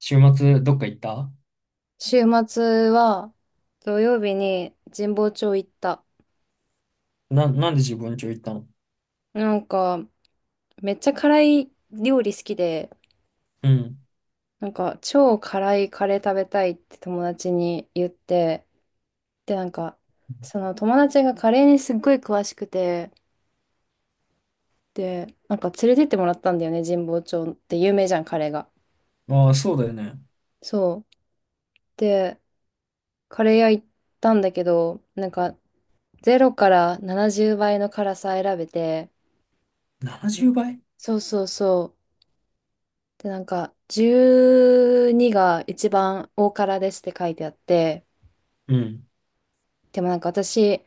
週末どっか行った？週末は土曜日に神保町行った。なんで自分家行ったの？なんかめっちゃ辛い料理好きで、うん。なんか超辛いカレー食べたいって友達に言って、でなんかその友達がカレーにすっごい詳しくて、でなんか連れてってもらったんだよね、神保町って有名じゃん、カレーが。ああ、そうだよね。そう。で、カレー屋行ったんだけど、なんかゼロから70倍の辛さ選べて、70倍うばい？そうそうそう。で、なんか、12が一番大辛ですって書いてあって、うん。でもなんか私、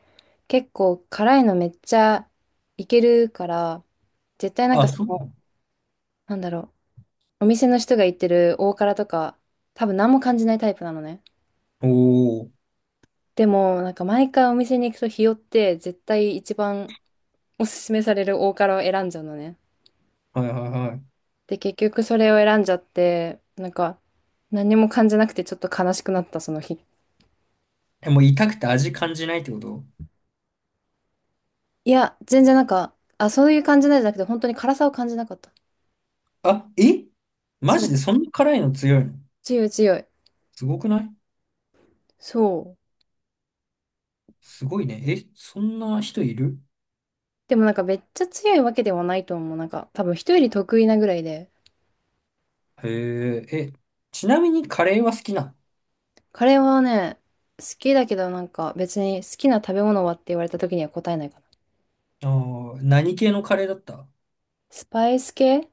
結構辛いのめっちゃいけるから、絶対なんあ、かそそう。の、なんだろう、お店の人が言ってる大辛とか、多分何も感じないタイプなのね。おお。でも、なんか毎回お店に行くと日和って、絶対一番おすすめされる大辛を選んじゃうのね。はいはいはい。で、結局それを選んじゃって、なんか、何も感じなくてちょっと悲しくなった、その日。え、もう痛くて味感じないってこと？いや、全然なんか、あ、そういう感じなんじゃなくて、本当に辛さを感じなかった。あ、え？マそジう、でそんな辛いの強いの？強い強い。すごくない？そう。すごいね。え、そんな人いる？でもなんかめっちゃ強いわけではないと思う。なんか、多分人より得意なぐらいで。へえ。え、ちなみにカレーは好きなカレーはね、好きだけどなんか別に好きな食べ物はって言われた時には答えないかな。の？あー、何系のカレーだった？スパイス系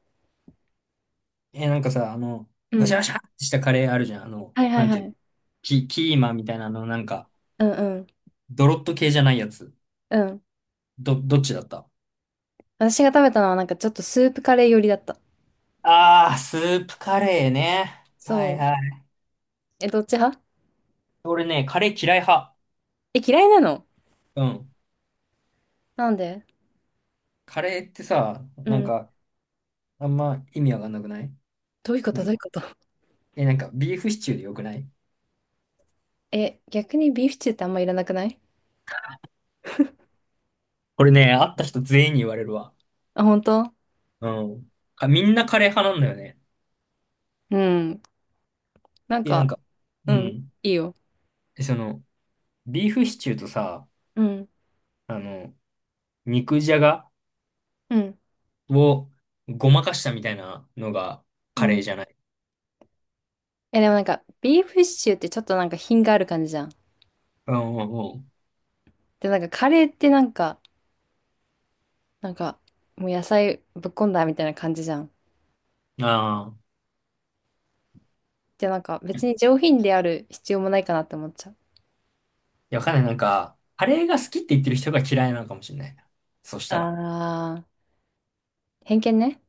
え、なんかさ、あの、うわしゃん。わしゃってしたカレーあるじゃん。あの、はいはないんはていう？い。キーマみたいなの、なんか、うんうん。ドロッと系じゃないやつ。うん。どっちだった？私が食べたのはなんかちょっとスープカレー寄りだった。ああ、スープカレーね。はそいう。はい。え、どっち派？俺ね、カレー嫌い派。え、嫌いなの？うん。なんで？カレーってさ、うなんん。か、あんま意味わかんなくない？どういうこなと？んどういうか、こと？え、なんか、ビーフシチューでよくない？え、逆にビーフシチューってあんまいらなくない？これね、会った人全員に言われるわ。あ、本当？うん。みんなカレー派なんだよね。うん。なんで、なんか、か、ううん、ん。いいよ。で、その、ビーフシチューとさ、うん、あの、肉じゃがうん、をごまかしたみたいなのがうカレん。ーじゃない？え、でもなんか、ビーフシチューってちょっとなんか品がある感じじゃん。うんうんで、なんかカレーってなんか、なんか、もう野菜ぶっこんだみたいな感じじゃん。うん。ああ。で、なんか別に上品である必要もないかなって思っちゃう。や、わかんない。なんか、カレーが好きって言ってる人が嫌いなのかもしれないな。そしたら。あー、偏見ね。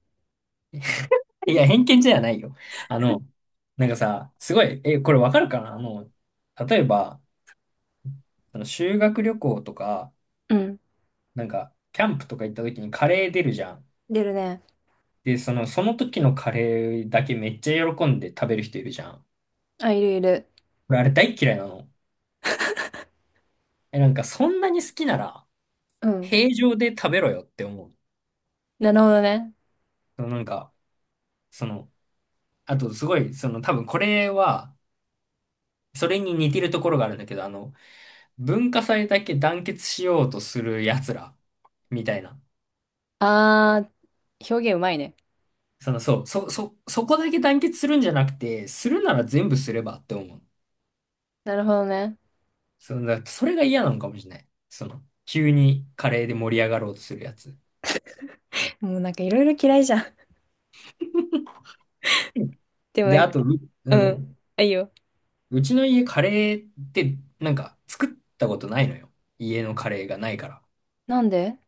いや、偏見じゃないよ。あの、なんかさ、すごい、え、これわかるかな、あの、例えば、その修学旅行とか、うん。なんか、キャンプとか行った時にカレー出るじゃん。出るね。で、その、その時のカレーだけめっちゃ喜んで食べる人いるじゃん。あ、いるいる。俺、あれ大っ嫌いなの。え、なんか、そんなに好きなら、うん。平常で食べろよって思う。なるほどね。そのなんか、その、あと、すごい、その、多分これは、それに似てるところがあるんだけど、あの、文化祭だけ団結しようとする奴ら、みたいな。あー、表現うまいね。その、そう、そこだけ団結するんじゃなくて、するなら全部すればって思う。なるほどね。その、だそれが嫌なのかもしれない。その、急にカレーで盛り上がろうとするやつ。もうなんかいろいろ嫌いじゃん。うん。でもなで、んあか、と、ううん。ん、あいいよ。うちの家カレーって、なんか、作ったことないのよ。家のカレーがないから。なんで？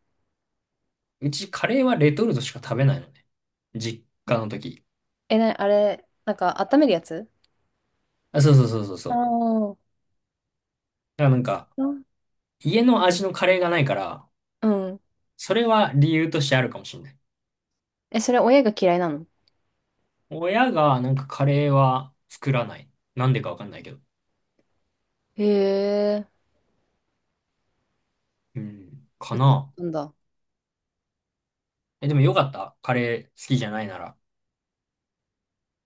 うちカレーはレトルトしか食べないのね。実家の時。え、な、あれ、なんか温めるやつ？あ、そうそうそうそうそああう。ー、だからなんか、うん家の味のカレーがないから、うん。それは理由としてあるかもしれない。え、それ親が嫌いなの？親がなんかカレーは作らない。なんでかわかんないけど。へえ、うん。売かってな。たんだ。え、でもよかった。カレー好きじゃないなら。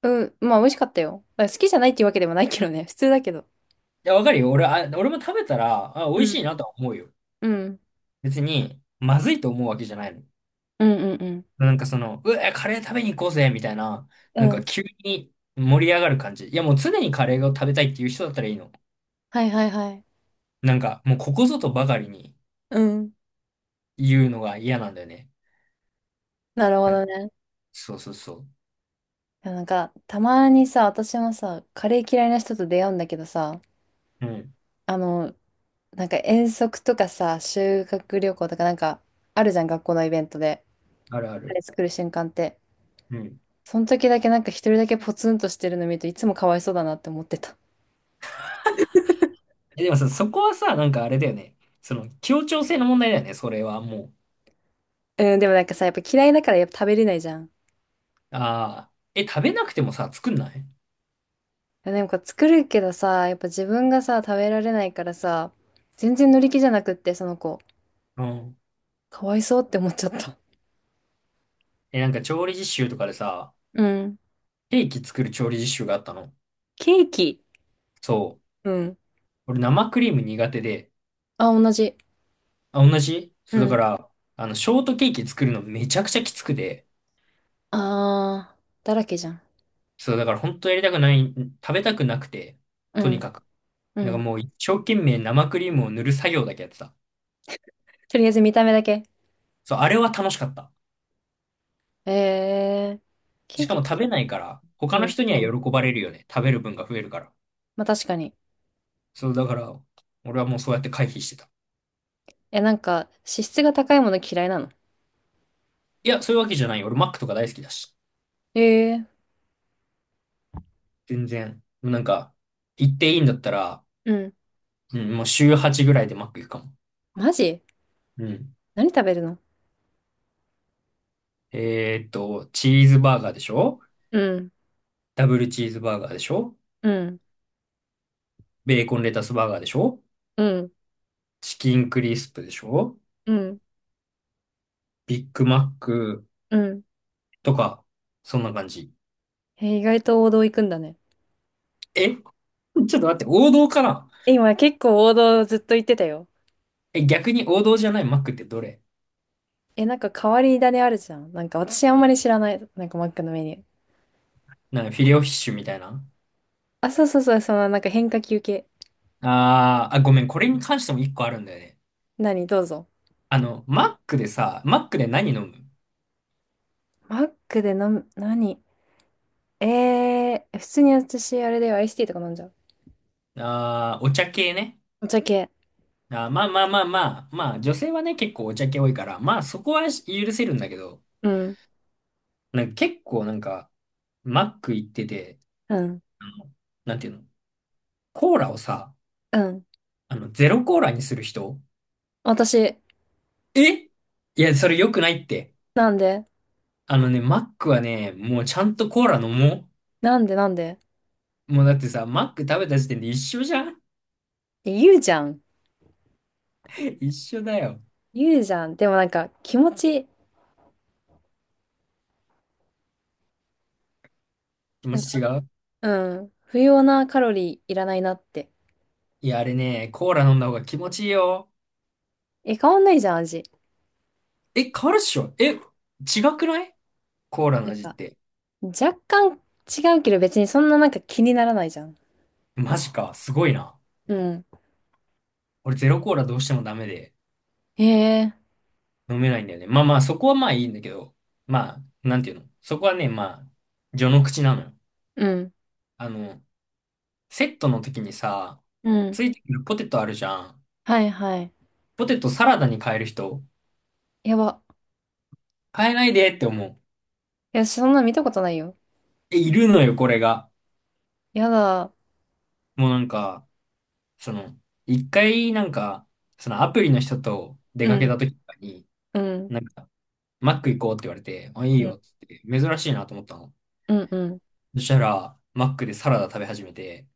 うん、まあ美味しかったよ。だから好きじゃないっていうわけでもないけどね。普通だけど。いや、わかるよ。俺も食べたら、あ、美う味しん。いなとは思うよ。うん。別に、まずいと思うわけじゃないの。うんうんうなんかその、うわ、カレー食べに行こうぜ、みたいな、なんん。うん。か急に盛り上がる感じ。いや、もう常にカレーを食べたいっていう人だったらいいの。はいはいはい。なんか、もうここぞとばかりにうん。言うのが嫌なんだよね。なるほなんどか、ね。そうそうそう。いやなんか、たまにさ、私もさ、カレー嫌いな人と出会うんだけどさ、うん。あの、なんか遠足とかさ、修学旅行とかなんか、あるじゃん、学校のイベントで。あるあカレる。ー作る瞬間って。うん。その時だけなんか一人だけポツンとしてるの見るといつもかわいそうだなって思ってた。え、でもさ、そこはさ、なんかあれだよね。その、協調性の問題だよね、それはもう。うん、でもなんかさ、やっぱ嫌いだからやっぱ食べれないじゃん。ああ、え、食べなくてもさ、作んない？でもこう作るけどさ、やっぱ自分がさ、食べられないからさ、全然乗り気じゃなくって、その子。うん。かわいそうって思っちゃった。え、なんか調理実習とかでさ、うん。ケーキ作る調理実習があったの。ケーキ。そう。うん。俺生クリーム苦手で。あ、同じ。あ、同じ？うそう、だかん。ら、あの、ショートケーキ作るのめちゃくちゃきつくて。あー、だらけじゃん。そう、だから本当やりたくない、食べたくなくて、うとにん。かく。うなんかん。もう一生懸命生クリームを塗る作業だけやってた。とりあえず見た目だけ。そう、あれは楽しかった。えー、ケーしかキ。も食べないから、う他のん。人にはうん。喜ばれるよね。食べる分が増えるから。まあ確かに。そう、だから、俺はもうそうやって回避してた。え、なんか、脂質が高いもの嫌いなの？いや、そういうわけじゃないよ。俺、マックとか大好きだし。えー。全然。もうなんか、行っていいんだったら、うんうん、もう週8ぐらいでマック行くかも。マジ？うん。何食べるの？チーズバーガーでしょ？うん、ダブルチーズバーガーでしょ？うん、ベーコンレタスバーガーでしょ？うん、チキンクリスプでしょ？うん、ビッグマックうん。とか、そんな感じ。え意外と王道行くんだね。え？ ちょっと待って、王道かな？え今結構王道ずっと言ってたよ。え、逆に王道じゃないマックってどれ？え、なんか変わり種あるじゃん。なんか私あんまり知らない。なんかマックのメニュー。なんかフィレオフィッシュみたいな。あ、そうそうそう、そのなんか変化球系。あーあ、ごめん、これに関しても一個あるんだよね。何、どうぞ。あの、マックでさ、マックで何飲む？マックで飲む、何？えー、普通に私あれだよ、アイスティーとか飲んじゃう。ああー、お茶系ね。お茶系。あーまあまあまあまあ、まあ、女性はね、結構お茶系多いから、まあそこは許せるんだけど、うん、なんか結構なんか、マック行ってて、うん、あの、なんていうの？コーラをさ、うん。あの、ゼロコーラにする人？私、え？いや、それ良くないって。なんで？あのね、マックはね、もうちゃんとコーラ飲もなんで？なんで？う。もうだってさ、マック食べた時点で一緒じゃん？ え言うじゃん。一緒だよ。言うじゃん。でもなんか気持ち、気な持んち違う？うん。不要なカロリーいらないなって。いや、あれね、コーラ飲んだ方が気持ちいいよ。え、変わんないじゃん、味。え、変わるっしょ？え、違くない？コーラのなん味っか、て。若干違うけど別にそんななんか気にならないじゃん。マジか、すごいな。うん。俺ゼロコーラどうしてもダメでへえ。飲めないんだよね。まあまあ、そこはまあいいんだけど、まあ、なんていうの、そこはね、まあ、序の口なのよ。うん。あの、セットの時にさ、うん。ついてくるポテトあるじゃん。はいはい。ポテトサラダに変える人、やば。変えないでって思う。いや、そんな見たことないよ。え、いるのよ、これが。やだ。もうなんか、その、一回なんか、そのアプリの人と出うかけん。た時とかに、うん。なんか、マック行こうって言われて、あ、いいうん。よっつって、珍しいなと思ったの。うんうん。そしたら、マックでサラダ食べ始めて、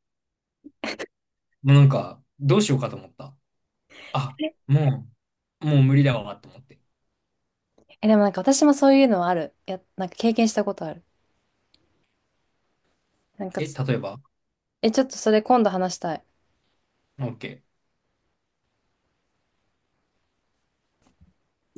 もうなんか、どうしようかと思った。あ、ももう無理だわと思って。え、でもなんか私もそういうのはある。や、なんか経験したことある。なんかえ、つ、例えば？ え、ちょっとそれ今度話したい。OK。